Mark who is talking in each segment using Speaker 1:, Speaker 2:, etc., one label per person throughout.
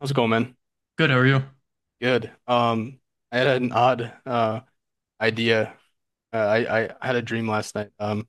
Speaker 1: How's it going, man?
Speaker 2: Good, how are you?
Speaker 1: Good. I had an odd idea. I had a dream last night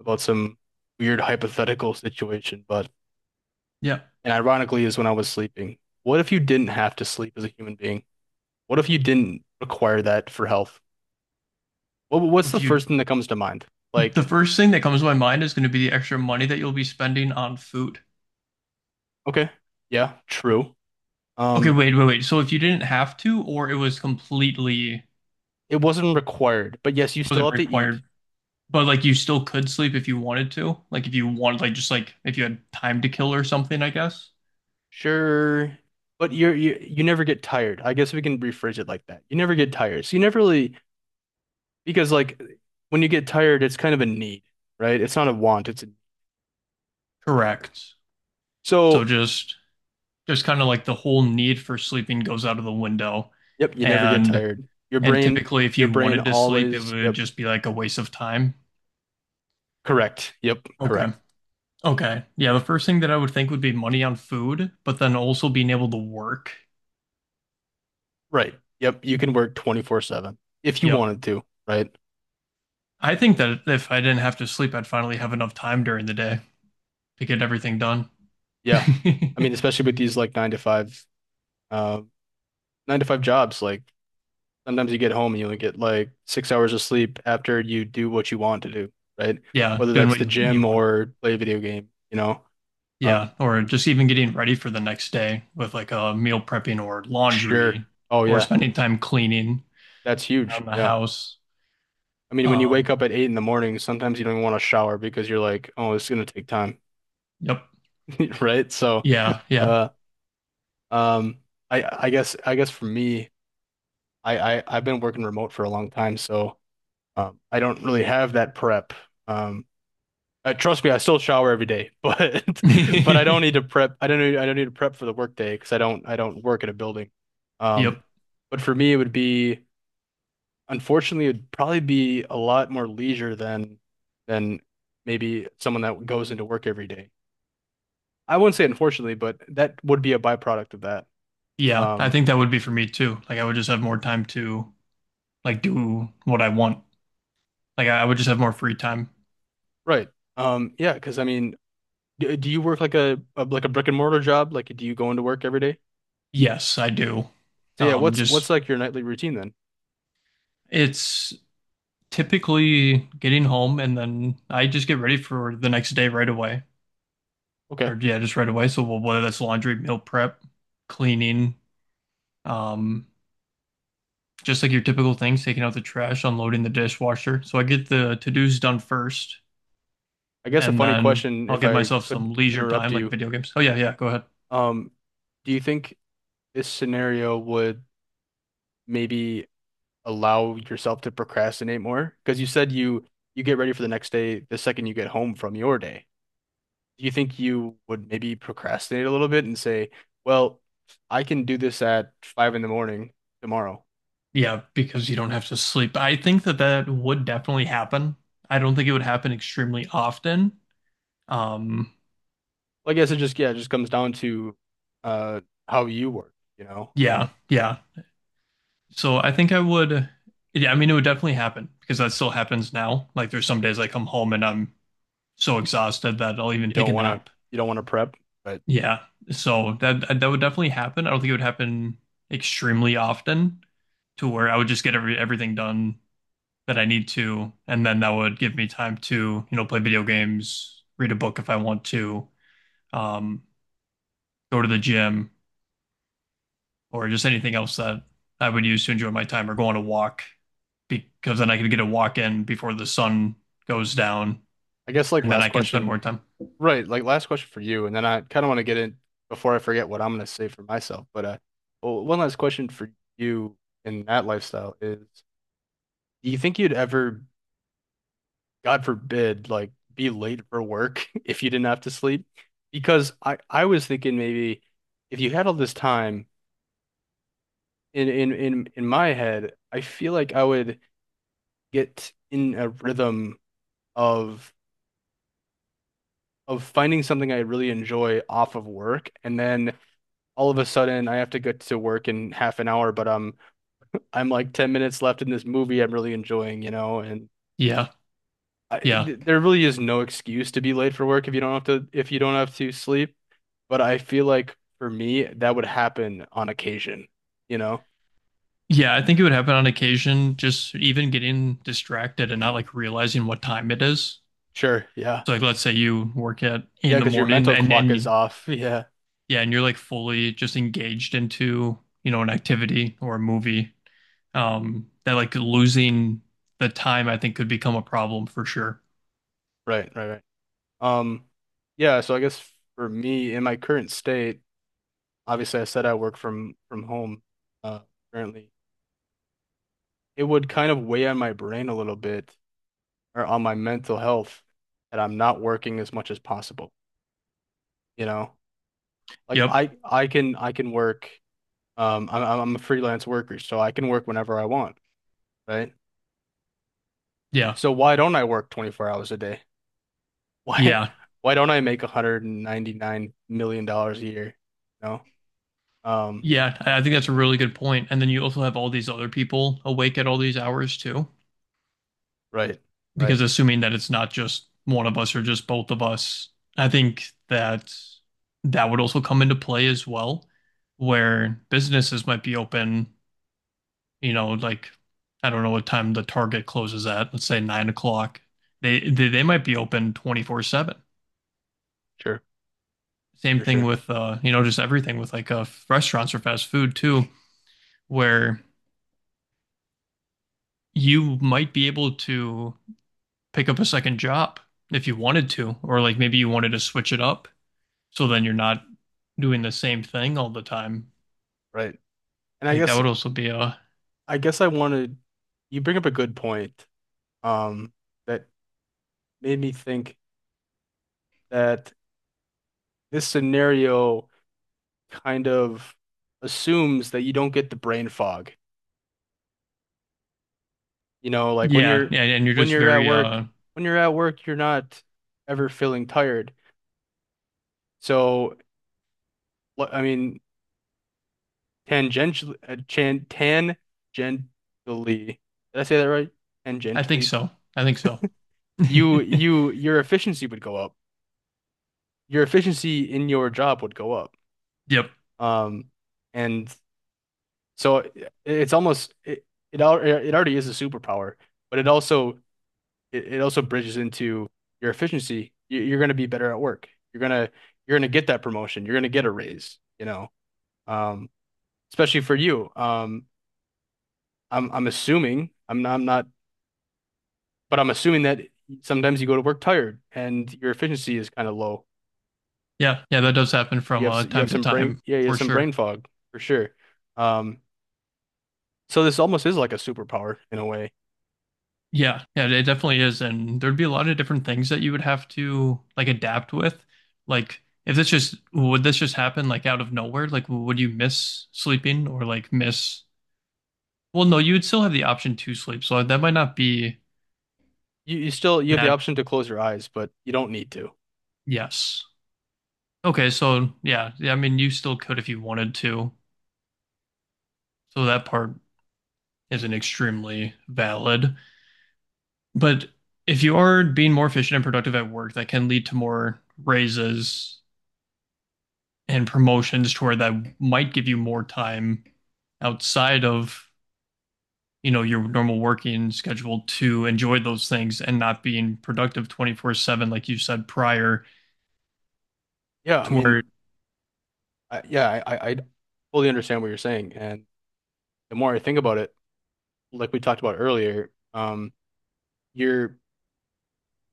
Speaker 1: about some weird hypothetical situation, but
Speaker 2: Yeah.
Speaker 1: and ironically is when I was sleeping. What if you didn't have to sleep as a human being? What if you didn't require that for health? What
Speaker 2: So
Speaker 1: what's
Speaker 2: if
Speaker 1: the
Speaker 2: you,
Speaker 1: first thing that comes to mind?
Speaker 2: the
Speaker 1: Like,
Speaker 2: first thing that comes to my mind is going to be the extra money that you'll be spending on food.
Speaker 1: okay, yeah, true.
Speaker 2: Okay,
Speaker 1: Um,
Speaker 2: wait, wait, wait. So if you didn't have to, or it was completely, it
Speaker 1: it wasn't required, but yes, you still
Speaker 2: wasn't
Speaker 1: have to eat.
Speaker 2: required, but like you still could sleep if you wanted to, like if you wanted, like just like if you had time to kill or something, I guess.
Speaker 1: Sure, but you never get tired. I guess we can rephrase it like that. You never get tired. So you never really. Because like when you get tired, it's kind of a need, right? It's not a want, it's a,
Speaker 2: Correct. So
Speaker 1: so,
Speaker 2: just kind of like the whole need for sleeping goes out of the window.
Speaker 1: yep, you never get
Speaker 2: And
Speaker 1: tired. Your
Speaker 2: and
Speaker 1: brain
Speaker 2: typically if
Speaker 1: your
Speaker 2: you
Speaker 1: brain
Speaker 2: wanted to sleep, it
Speaker 1: always,
Speaker 2: would
Speaker 1: yep,
Speaker 2: just be like a waste of time.
Speaker 1: correct. Yep,
Speaker 2: Okay.
Speaker 1: correct.
Speaker 2: Okay. Yeah, the first thing that I would think would be money on food, but then also being able to work.
Speaker 1: Right. Yep, you can work 24/7 if you
Speaker 2: Yep.
Speaker 1: wanted to, right?
Speaker 2: I think that if I didn't have to sleep, I'd finally have enough time during the day to get everything done.
Speaker 1: Yeah. I mean, especially with these like uh 9 to 5 jobs, like sometimes you get home and you only get like 6 hours of sleep after you do what you want to do, right?
Speaker 2: Yeah,
Speaker 1: Whether
Speaker 2: doing
Speaker 1: that's
Speaker 2: what
Speaker 1: the
Speaker 2: you
Speaker 1: gym
Speaker 2: want.
Speaker 1: or play a video game. Um,
Speaker 2: Yeah, or just even getting ready for the next day with like a meal prepping or
Speaker 1: sure.
Speaker 2: laundry
Speaker 1: Oh
Speaker 2: or
Speaker 1: yeah,
Speaker 2: spending time cleaning
Speaker 1: that's huge.
Speaker 2: around the
Speaker 1: Yeah.
Speaker 2: house.
Speaker 1: I mean, when you
Speaker 2: Um,
Speaker 1: wake up at 8 in the morning, sometimes you don't even want to shower because you're like, oh, it's gonna take time,
Speaker 2: yep.
Speaker 1: right? So,
Speaker 2: Yeah. Yeah.
Speaker 1: uh, um, I guess for me, I've been working remote for a long time, so I don't really have that prep. Um, Trust me, I still shower every day, but I don't need to prep. I don't need to prep for the workday because I don't work at a building. Um,
Speaker 2: Yep.
Speaker 1: but for me, it would be. Unfortunately, it'd probably be a lot more leisure than than maybe someone that goes into work every day. I wouldn't say unfortunately, but that would be a byproduct of that.
Speaker 2: Yeah. I
Speaker 1: Um,
Speaker 2: think that would be for me too. Like I would just have more time to like do what I want. Like I would just have more free time.
Speaker 1: right. Yeah, because I mean, do you work like a like a brick and mortar job? Like, do you go into work every day?
Speaker 2: Yes, I do.
Speaker 1: So yeah, what's
Speaker 2: Just
Speaker 1: like your nightly routine then?
Speaker 2: it's typically getting home and then I just get ready for the next day right away.
Speaker 1: Okay.
Speaker 2: Or yeah, just right away. So well, whether that's laundry, meal prep, cleaning, um, just like your typical things, taking out the trash, unloading the dishwasher. So I get the to-dos done first,
Speaker 1: I guess a
Speaker 2: and
Speaker 1: funny
Speaker 2: then
Speaker 1: question,
Speaker 2: I'll
Speaker 1: if
Speaker 2: give
Speaker 1: I
Speaker 2: myself
Speaker 1: could
Speaker 2: some leisure
Speaker 1: interrupt
Speaker 2: time, like
Speaker 1: you.
Speaker 2: video games. Oh yeah, yeah, go ahead.
Speaker 1: Um, do you think this scenario would maybe allow yourself to procrastinate more? Because you said you get ready for the next day the second you get home from your day. Do you think you would maybe procrastinate a little bit and say, well, I can do this at 5 in the morning tomorrow?
Speaker 2: Yeah, because you don't have to sleep. I think that that would definitely happen. I don't think it would happen extremely often. Um,
Speaker 1: Well, I guess it just yeah, it just comes down to uh how you work, you know.
Speaker 2: yeah, yeah. So I think I would, yeah, I mean, it would definitely happen because that still happens now. Like there's some days I come home and I'm so exhausted that I'll even
Speaker 1: You
Speaker 2: take
Speaker 1: don't
Speaker 2: a
Speaker 1: want to
Speaker 2: nap.
Speaker 1: you don't want to prep, but
Speaker 2: Yeah. So that that would definitely happen. I don't think it would happen extremely often to where I would just get every everything done that I need to, and then that would give me time to, play video games, read a book if I want to, um, go to the gym, or just anything else that I would use to enjoy my time or go on a walk because then I could get a walk in before the sun goes down
Speaker 1: I guess like
Speaker 2: and then
Speaker 1: last
Speaker 2: I can spend
Speaker 1: question,
Speaker 2: more time.
Speaker 1: right, like last question for you, and then I kind of want to get in before I forget what I'm going to say for myself. But well, one last question for you in that lifestyle is, do you think you'd ever, God forbid, like be late for work if you didn't have to sleep? Because I was thinking maybe if you had all this time in my head, I feel like I would get in a rhythm of of finding something I really enjoy off of work, and then all of a sudden I have to get to work in half an hour, but I'm like 10 minutes left in this movie I'm really enjoying, and
Speaker 2: Yeah.
Speaker 1: I,
Speaker 2: Yeah.
Speaker 1: th there really is no excuse to be late for work if you don't have to if you don't have to sleep. But I feel like for me that would happen on occasion, you know?
Speaker 2: Yeah, I think it would happen on occasion, just even getting distracted and not like realizing what time it is.
Speaker 1: Sure, yeah.
Speaker 2: So like let's say you work at
Speaker 1: Yeah,
Speaker 2: in the
Speaker 1: because your
Speaker 2: morning
Speaker 1: mental
Speaker 2: and
Speaker 1: clock is
Speaker 2: then
Speaker 1: off. Yeah.
Speaker 2: yeah, and you're like fully just engaged into, an activity or a movie. That like losing the time I think could become a problem for sure.
Speaker 1: Right, right, right. Um, yeah, so I guess for me in my current state, obviously I said I work from home uh currently. It would kind of weigh on my brain a little bit or on my mental health that I'm not working as much as possible. You know, like
Speaker 2: Yep.
Speaker 1: I can work. I'm a freelance worker, so I can work whenever I want, right?
Speaker 2: Yeah.
Speaker 1: So why don't I work 24 hours a day? Why
Speaker 2: Yeah.
Speaker 1: why don't I make $199 million a year? You know? Um,
Speaker 2: Yeah. I think that's a really good point. And then you also have all these other people awake at all these hours too,
Speaker 1: right, right,
Speaker 2: because assuming that it's not just one of us or just both of us, I think that that would also come into play as well, where businesses might be open, like I don't know what time the Target closes at, let's say 9 o'clock. They might be open 24/7.
Speaker 1: sure,
Speaker 2: Same
Speaker 1: sure,
Speaker 2: thing
Speaker 1: sure,
Speaker 2: with you know, just everything with like restaurants or fast food too, where you might be able to pick up a second job if you wanted to, or like maybe you wanted to switch it up. So then you're not doing the same thing all the time.
Speaker 1: right. And I
Speaker 2: Like that
Speaker 1: guess
Speaker 2: would also be a
Speaker 1: I guess I wanted you bring up a good point, um, that made me think that this scenario kind of assumes that you don't get the brain fog. You know, like
Speaker 2: yeah, yeah, and you're
Speaker 1: when
Speaker 2: just
Speaker 1: you're at
Speaker 2: very
Speaker 1: work, when you're at work, you're not ever feeling tired. So, I mean, tangentially, tangentially, did I say that right?
Speaker 2: I think
Speaker 1: Tangentially,
Speaker 2: so. I think so.
Speaker 1: your efficiency would go up. Your efficiency in your job would go up.
Speaker 2: Yep.
Speaker 1: Um, and so it, it's almost it it, al it already is a superpower, but it also bridges into your efficiency. You're going to be better at work. You're gonna get that promotion. You're gonna get a raise. You know, um, especially for you. I'm assuming I'm not, but I'm assuming that sometimes you go to work tired and your efficiency is kind of low.
Speaker 2: Yeah, yeah, that does happen from
Speaker 1: You
Speaker 2: time
Speaker 1: have
Speaker 2: to
Speaker 1: some brain
Speaker 2: time
Speaker 1: yeah you have
Speaker 2: for
Speaker 1: some
Speaker 2: sure.
Speaker 1: brain fog for sure. Um, so this almost is like a superpower in a way.
Speaker 2: Yeah, yeah, it definitely is. And there'd be a lot of different things that you would have to like adapt with. Like if this just would this just happen like out of nowhere? Like would you miss sleeping or like miss well, no, you would still have the option to sleep. So that might not be
Speaker 1: You still you have the
Speaker 2: that
Speaker 1: option to close your eyes, but you don't need to.
Speaker 2: yes. Okay, so yeah, yeah, I mean, you still could if you wanted to. So that part isn't extremely valid. But if you are being more efficient and productive at work, that can lead to more raises and promotions to where that might give you more time outside of, your normal working schedule to enjoy those things and not being productive 24/7, like you said prior,
Speaker 1: Yeah, I
Speaker 2: to where,
Speaker 1: mean, I, yeah, I fully understand what you're saying, and the more I think about it, like we talked about earlier, you're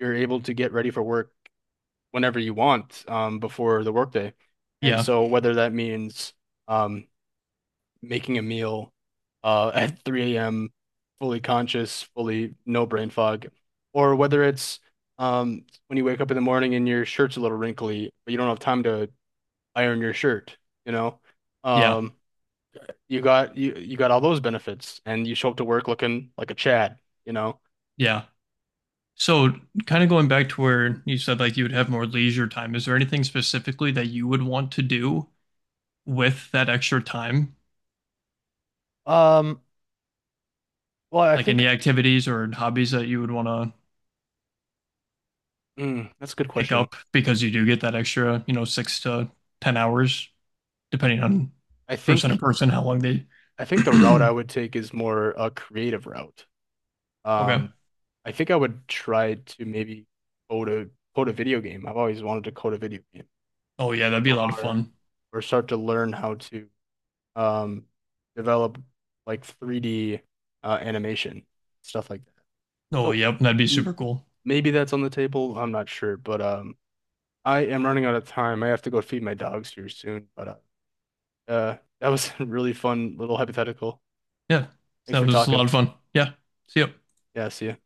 Speaker 1: you're able to get ready for work whenever you want, before the workday. And
Speaker 2: yeah,
Speaker 1: so whether that means um, making a meal at 3 a.m., fully conscious, fully no brain fog, or whether it's when you wake up in the morning and your shirt's a little wrinkly, but you don't have time to iron your shirt, you know?
Speaker 2: yeah,
Speaker 1: Um, you got all those benefits and you show up to work looking like a Chad, you know?
Speaker 2: yeah. So, kind of going back to where you said like you would have more leisure time, is there anything specifically that you would want to do with that extra time?
Speaker 1: Um, well, I
Speaker 2: Like
Speaker 1: think
Speaker 2: any activities or hobbies that you would want to
Speaker 1: that's a good
Speaker 2: pick
Speaker 1: question.
Speaker 2: up because you do get that extra, six to 10 hours, depending on
Speaker 1: I
Speaker 2: person to
Speaker 1: think
Speaker 2: person, how long they.
Speaker 1: I think the route I would take is more a creative route.
Speaker 2: Okay.
Speaker 1: Um, I think I would try to maybe code a code a video game. I've always wanted to code a video game
Speaker 2: Oh, yeah, that'd be a lot of
Speaker 1: or
Speaker 2: fun.
Speaker 1: or start to learn how to um develop like 3D animation stuff like that.
Speaker 2: Oh,
Speaker 1: So
Speaker 2: yep, that'd be
Speaker 1: m
Speaker 2: super cool.
Speaker 1: maybe that's on the table. I'm not sure, but I am running out of time. I have to go feed my dogs here soon, but that was a really fun little hypothetical.
Speaker 2: Yeah,
Speaker 1: Thanks
Speaker 2: that
Speaker 1: for
Speaker 2: was a lot
Speaker 1: talking.
Speaker 2: of fun. Yeah, see ya.
Speaker 1: Yeah, see you.